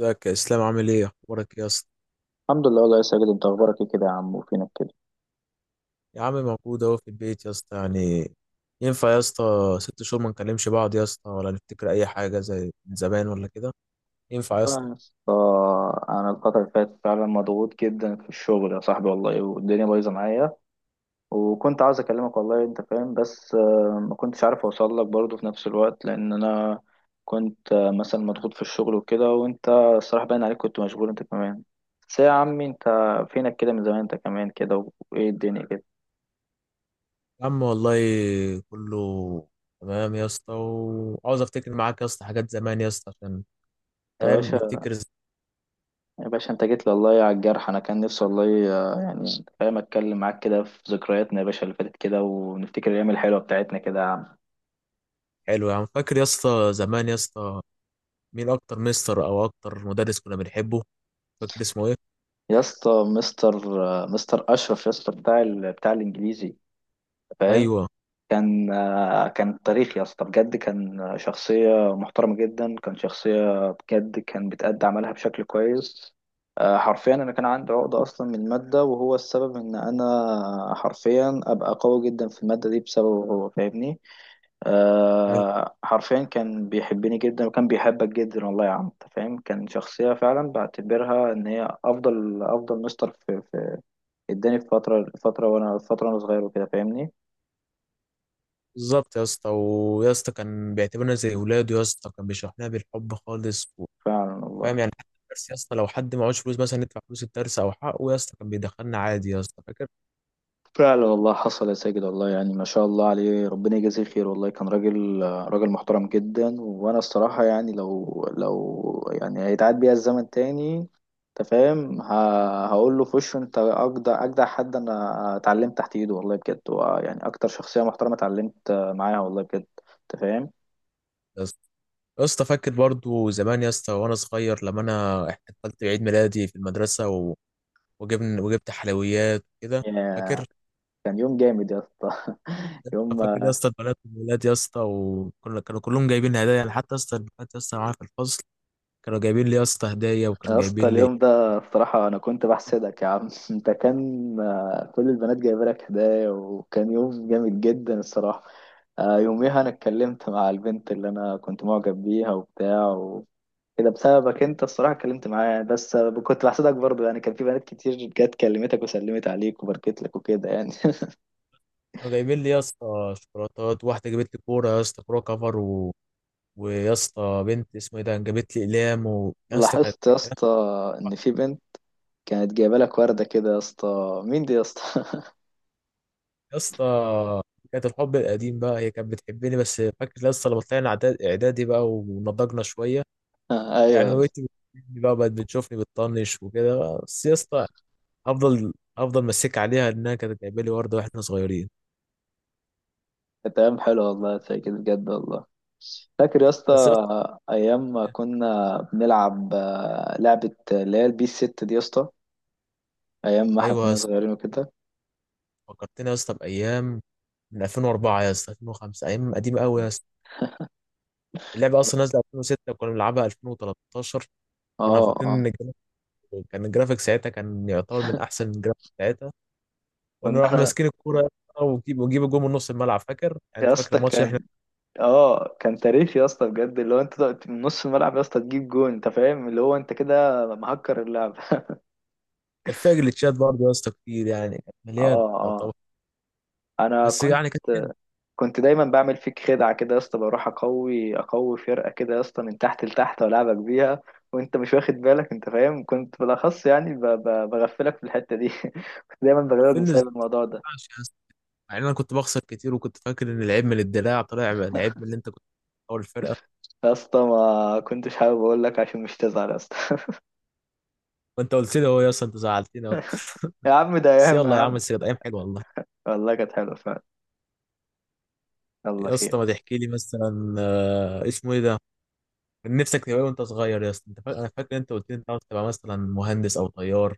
ازيك يا اسلام، عامل ايه، اخبارك ايه يا اسطى؟ الحمد لله والله يا ساجد، انت اخبارك ايه كده يا عم؟ وفينك كده؟ يا عم موجود اهو في البيت يا اسطى يعني. ينفع يا اسطى؟ ست شهور ما نكلمش بعض يا اسطى، ولا نفتكر اي حاجه زي من زمان ولا كده؟ ينفع يا والله اسطى؟ يا اسطى، انا الفتره اللي فاتت فعلا مضغوط جدا في الشغل يا صاحبي والله، والدنيا بايظه معايا. وكنت عاوز اكلمك والله، انت فاهم، بس ما كنتش عارف اوصل لك برضه في نفس الوقت، لان انا كنت مثلا مضغوط في الشغل وكده. وانت الصراحه باين عليك كنت مشغول انت كمان. بس يا عمي، انت فينك كده من زمان؟ انت كمان كده وايه الدنيا كده؟ يا عم والله كله تمام يا اسطى، وعاوز افتكر معاك يا اسطى حاجات زمان يا اسطى عشان فاهم انت نفتكر. يا باشا انت جيت لي والله على الجرح، انا كان نفسي والله، يعني انت فاهم، اتكلم معاك كده في ذكرياتنا يا باشا اللي فاتت كده، ونفتكر الايام الحلوه بتاعتنا كده يا عم. حلو يا عم. فاكر يا اسطى زمان يا اسطى مين اكتر مستر او اكتر مدرس كنا بنحبه؟ فاكر اسمه ايه؟ يا اسطى مستر مستر اشرف يا اسطى، بتاع بتاع الانجليزي، فاهم؟ ايوه. كان كان تاريخ يا اسطى بجد. كان شخصيه محترمه جدا، كان شخصيه بجد، كان بتأدي عملها بشكل كويس. حرفيا انا كان عندي عقده اصلا من الماده، وهو السبب ان انا حرفيا ابقى قوي جدا في الماده دي بسببه، هو فاهمني. حرفيا كان بيحبني جدا وكان بيحبك جدا والله يا عم، انت فاهم. كان شخصية فعلا بعتبرها ان هي افضل افضل مستر في اداني في فترة وانا صغير وكده، فاهمني؟ بالظبط يا اسطى، ويا اسطى كان بيعتبرنا زي اولاده يا اسطى، كان بيشرح لنا بالحب خالص فعلا والله. وفاهم يعني حتى الدرس يا اسطى، لو حد معهوش فلوس مثلا ندفع فلوس الدرس او حقه يا اسطى كان بيدخلنا عادي يا اسطى. فاكر فعلا والله حصل يا ساجد والله، يعني ما شاء الله عليه، ربنا يجازيه خير والله. كان راجل راجل محترم جدا، وانا الصراحة يعني، لو يعني هيتعاد بيا الزمن تاني انت فاهم، هقول له في وشه انت اجدع اجدع حد انا اتعلمت تحت ايده والله بجد. هو يعني اكتر شخصية محترمة اتعلمت معاها والله بجد، انت فاهم. يا اسطى؟ يا اسطى فاكر برضو زمان يا اسطى وانا صغير لما انا احتفلت بعيد ميلادي في المدرسه وجبنا وجبت حلويات وكده. يا- فاكر؟ كان يوم جامد يا اسطى. يوم فاكر يا اسطى البنات والولاد يا اسطى، وكنا كانوا كلهم جايبين هدايا، يعني حتى يا اسطى البنات يا اسطى معايا في الفصل كانوا جايبين لي يا اسطى هدايا، وكانوا يا جايبين اسطى، لي. اليوم ده بصراحة أنا كنت بحسدك يا عم. أنت كان كل البنات جايبة لك هدايا، وكان يوم جامد جدا الصراحة. يوميها أنا اتكلمت مع البنت اللي أنا كنت معجب بيها وبتاع وكده، بسببك أنت الصراحة اتكلمت معاها. بس كنت بحسدك برضه يعني، كان في بنات كتير جت كلمتك وسلمت عليك وباركت لك وكده يعني. كانوا جايبين لي يا اسطى شوكولاتات، واحده جابت لي كوره يا اسطى، كوره كفر ويا اسطى بنت اسمه ايه ده جابت لي اقلام يا اسطى لاحظت يا كانت- اسطى إن في بنت كانت جايبة لك وردة كده يا اسطى، مين دي يا اسطى؟ يا اسطى كانت الحب القديم بقى، هي كانت بتحبني. بس فاكر يا اسطى لما طلعنا اعدادي بقى ونضجنا شويه، يعني ما أيوه، بقتش بتحبني بقى، بقت بتشوفني بتطنش وكده بقى. بس يا اسطى افضل افضل مسك عليها انها كانت جايبه لي ورده واحنا صغيرين. كانت أيام حلوة والله زي كده بجد والله. فاكر يا اسطى بس يا اسطى ايام ما كنا بنلعب لعبة اللي هي البي ست دي يا اسطى، ايام ما احنا ايوه يا كنا اسطى، صغيرين وكده. فكرتني يا اسطى بايام من 2004 يا اسطى 2005، ايام قديمه قوي يا اسطى. اللعبه اصلا نازله 2006 كنا بنلعبها 2013. كنا اه، فاكرين اه. ان الجرافيك كان الجرافيك ساعتها كان يعتبر من احسن الجرافيك ساعتها. كنا كنا نروح احنا ماسكين الكوره وجيب الجول من نص الملعب، فاكر؟ يعني يا انت فاكر اسطى الماتش اللي احنا، كان اه، كان تاريخ يا اسطى بجد، اللي هو انت تقعد من نص الملعب يا اسطى تجيب جون، انت فاهم، اللي هو انت كده مهكر اللعب. كان فيها جليتشات برضه يا اسطى كتير، يعني كانت اه، مليان اه. يعتبر. انا بس كنت يعني كانت حلوه. كنت دايما بعمل فيك خدعة كده يا اسطى، بروح اقوي فرقة كده يا اسطى من تحت لتحت والعبك بيها، وانت مش واخد بالك، انت فاهم. كنت بالاخص يعني بغفلك في الحتة دي. كنت دايما بغلبك عارفين ازاي بسبب الموضوع ده. يا اسطى، يعني انا كنت بخسر كتير وكنت فاكر ان العيب من الدلاع، طلع العيب من اللي انت كنت بتحاول الفرقه. يا اسطى ما كنتش حابب اقول لك عشان مش تزعل يا اسطى. وانت قلت لي، هو يا اسطى انت زعلتني أوي. يا عم ده بس ايام يا يلا يا عم، عم. بس كانت ايام حلوه والله. والله كانت حلوة فعلا. يلا يا اسطى خير. ما تحكي لي مثلا، اسمه ايه ده، من نفسك تبقى إيه وانت صغير يا اسطى؟ انت فاكر؟ انا فاكر انت قلت لي انت عاوز تبقى مثلا مهندس او طيار،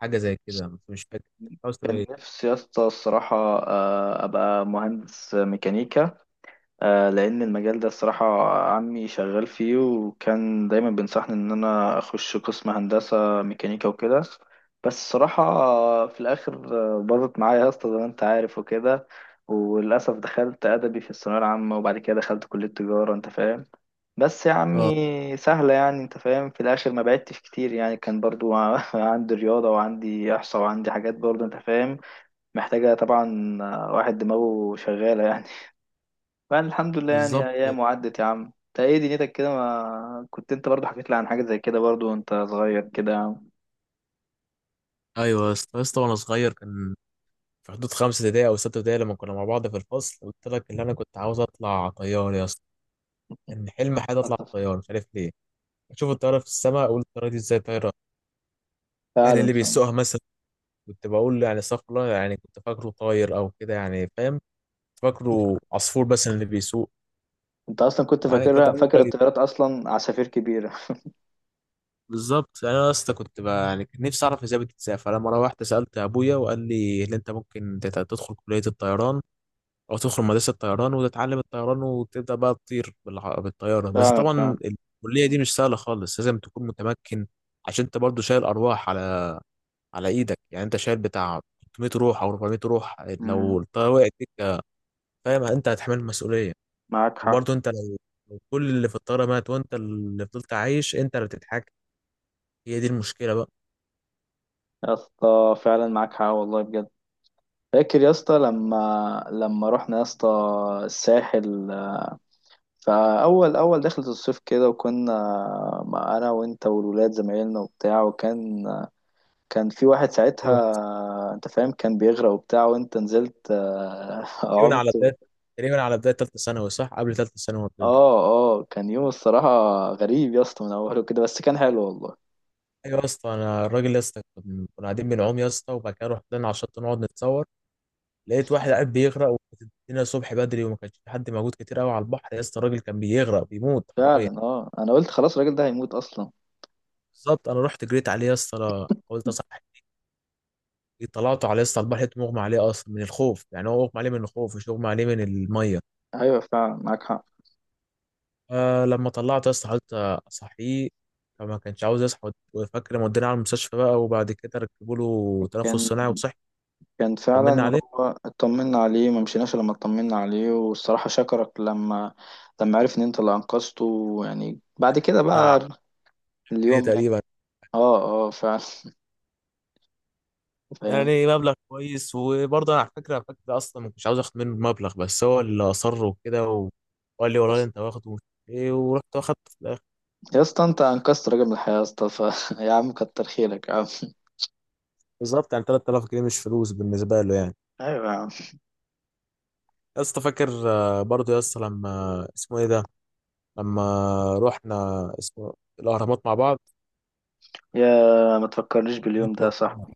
حاجه زي كده، بس مش فاكر أنت عاوز تبقى كان ايه. نفسي يا اسطى الصراحة ابقى مهندس ميكانيكا، لان المجال ده الصراحه عمي شغال فيه، وكان دايما بينصحني ان انا اخش قسم هندسه ميكانيكا وكده. بس الصراحه في الاخر باظت معايا يا اسطى زي ما انت عارف وكده، وللاسف دخلت ادبي في الثانويه العامه وبعد كده دخلت كليه تجاره، انت فاهم. بس يا اه. عمي سهله يعني، انت فاهم، في الاخر ما بعدتش كتير يعني، كان برضو عندي رياضه وعندي احصاء وعندي حاجات برضو انت فاهم، محتاجه طبعا واحد دماغه شغاله يعني. فأنا الحمد لله بالظبط يعني، كده. أيام وعدت يا عم. أنت إيه دنيتك كده؟ ما كنت أنت برضه حكيت لي عن حاجة زي كده برضه وأنت صغير كده يا عم. ايوه يا اسطى، يا اسطى وانا صغير كان في حدود خمسة ابتدائي او ستة ابتدائي، لما كنا مع بعض في الفصل قلت لك ان انا كنت عاوز اطلع طيار يا اسطى. كان حلم حياتي اطلع أطف. طيار، مش عارف ليه. اشوف الطياره في السماء اقول الطياره دي ازاي طايره، يعني فعلا، اللي فعلا. بيسوقها مثلا. كنت بقول يعني استغفر الله، يعني كنت فاكره طاير او كده يعني، فاهم؟ كنت فاكره عصفور مثلا اللي بيسوق. أنت أصلا كنت يعني كانت فاكرها، فاكر الطيارات أصلا عصافير كبيرة. بالظبط، يعني انا يا اسطى كنت بقى يعني كان نفسي اعرف ازاي بتتسافر. فلما روحت سالت ابويا وقال لي ان انت ممكن تدخل كليه الطيران او تدخل مدرسه الطيران وتتعلم الطيران وتبدا بقى تطير بالطياره. بس فعلا، طبعا فعلا. الكليه دي مش سهله خالص، لازم تكون متمكن، عشان انت برضو شايل ارواح على ايدك، يعني انت شايل بتاع 300 روح او 400 روح. لو أمم، الطياره وقعت بيك، فاهم، انت هتحمل المسؤوليه. معاك حق. وبرضو انت لو كل اللي في الطياره مات وانت اللي فضلت عايش، انت اللي بتتحكم. هي دي المشكله بقى. يا اسطى فعلا معاك حق والله بجد. فاكر يا اسطى لما رحنا يا اسطى الساحل، فأول دخلة الصيف كده، وكنا مع أنا وأنت والولاد زمايلنا وبتاع. وكان كان في واحد أيوة. ساعتها انت فاهم كان بيغرق وبتاع، وانت نزلت تقريبا على عمت. بدايه تقريبا على بدايه ثالثه ثانوي، صح؟ قبل ثالثه ثانوي ما بتبدا. اه، اه. كان يوم الصراحة غريب يا اسطى من اوله كده، بس كان حلو والله. ايوه يا اسطى. انا الراجل يا اسطى، كنا قاعدين بنعوم يا اسطى وبعد كده رحنا لنا على الشط نقعد نتصور. لقيت واحد قاعد بيغرق، وكانت الدنيا الصبح بدري وما كانش في حد موجود كتير قوي على البحر يا اسطى. الراجل كان بيغرق بيموت حرفيا. فعلا، اه، انا قلت خلاص الراجل ده هيموت اصلا. بالظبط. انا رحت جريت عليه يا اسطى، قلت اصحى. طلعته على يا اسطى البحر، لقيته مغمى عليه اصلا من الخوف، يعني هو مغمى عليه من الخوف مش مغمى عليه من الميه. ايوه فعلا معاك حق. لما طلعت يا اسطى حاولت اصحيه، فما كانش عاوز يصحى. وفاكر لما ودينا على المستشفى بقى وبعد كده ركبوا له تنفس كان صناعي وصحي. كان طمنا فعلا عليه. هو اطمنا عليه، ما مشيناش لما اطمنا عليه، والصراحة شكرك لما عرف ان انت اللي انقذته، يعني بعد كده بتاع بقى جنيه اليوم يعني. تقريبا، اه، اه فعلا. فاهم، يعني مبلغ كويس. وبرضه انا على فكره فاكر اصلا ما كنتش عاوز اخد منه المبلغ بس هو اللي اصر وكده وقال لي والله انت واخده ومش عارف ايه، ورحت واخدت في الاخر. يا اسطى انت انقذت راجل من الحياة يا اسطى، ف... يا عم كتر خيرك يا عم. بالظبط، يعني 3000 جنيه مش فلوس بالنسبه له يعني. ايوه يا عم. يا اسطى فاكر، برضه يا اسطى لما اسمه ايه ده، لما رحنا اسمه الاهرامات مع بعض يا ما تفكرنيش باليوم انت ده يا ومحمد. صاحبي.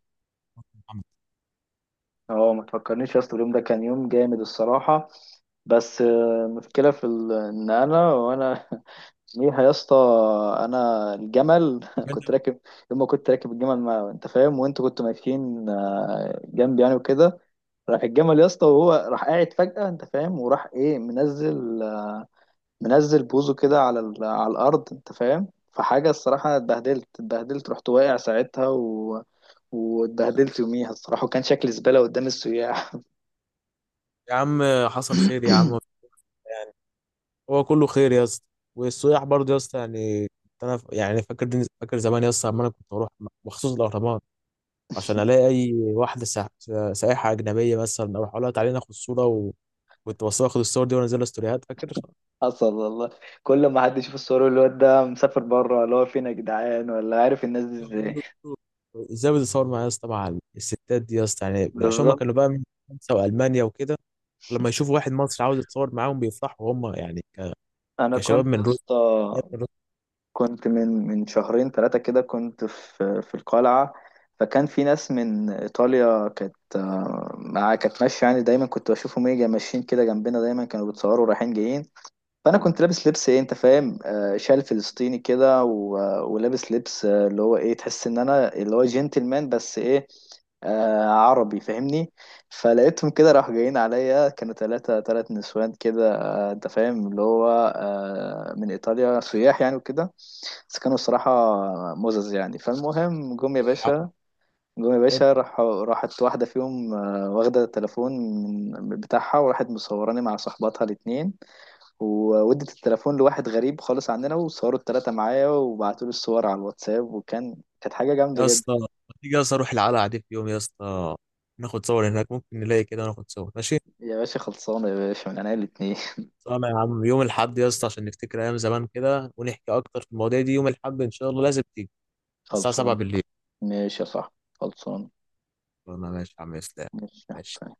اه ما تفكرنيش يا اسطى، اليوم ده كان يوم جامد الصراحة. بس المشكلة في ان انا ليها يا اسطى، انا الجمل كنت منك. راكب. يوم ما كنت راكب الجمل، ما انت فاهم وانتوا كنتوا ماشيين جنبي يعني وكده، راح الجمل يا اسطى، وهو راح قاعد فجأة انت فاهم، وراح ايه منزل بوزه كده على على الارض انت فاهم. فحاجه الصراحه اتبهدلت رحت واقع ساعتها، و... واتبهدلت يوميها الصراحه، وكان شكلي زباله قدام السياح. يا عم حصل خير يا عم. يعني هو كله خير يا اسطى. والسياح برضه يا اسطى يعني، كنت انا يعني فاكر. فاكر زمان يا اسطى لما انا كنت اروح مخصوص الاهرامات عشان الاقي اي واحده سائحه اجنبيه مثلا، اروح اقول لها تعالي ناخد صوره كنت بصور اخد الصور دي وانزلها ستوريات، فاكر؟ حصل والله، كل ما حد يشوف الصور يقول الواد ده مسافر بره، اللي هو فين يا جدعان؟ ولا عارف الناس دي ازاي. ازاي بتصور معايا يا اسطى مع الستات دي يا اسطى؟ يعني عشان هم بالظبط. كانوا بقى من فرنسا والمانيا وكده، لما يشوفوا واحد مصري عاوز يتصور معاهم بيفرحوا هم يعني انا كشباب كنت من يا روسيا اسطى من كنت من شهرين ثلاثة كده كنت في القلعة، فكان في ناس من إيطاليا، كانت مع كانت ماشية يعني، دايما كنت بشوفهم ايه ماشيين كده جنبنا، دايما كانوا بيتصوروا رايحين جايين. فأنا كنت لابس لبس ايه انت فاهم، شال فلسطيني كده، ولابس لبس اللي هو ايه، تحس ان انا اللي هو جنتلمان، بس ايه، عربي، فاهمني؟ فلقيتهم كده راحوا جايين عليا، كانوا ثلاث نسوان كده، آه انت فاهم اللي هو من ايطاليا سياح يعني وكده، بس كانوا الصراحة مزز يعني. فالمهم جم يا باشا، روسيا راحت واحدة فيهم واخدة التليفون من بتاعها وراحت مصوراني مع صحباتها الاتنين، وودت التليفون لواحد غريب خالص عندنا وصوروا التلاتة معايا وبعتوا لي الصور على الواتساب، وكان كانت حاجة جامدة يا جدا. اسطى. ما تيجي يا اسطى اروح القلعه دي في يوم يا اسطى، ناخد صور هناك، ممكن نلاقي كده وناخد صور، ماشي؟ يا باشا خلصانة يا باشا من عينيا الاتنين. طبعا يا عم. يوم الاحد يا اسطى عشان نفتكر ايام زمان كده ونحكي اكتر في المواضيع دي، يوم الاحد ان شاء الله لازم تيجي على الساعه 7 خلصان. بالليل. ماشي يا صاحبي، خلصان. قلنا ماشي يا عم اسلام. ماشي يا حسين. ماشي.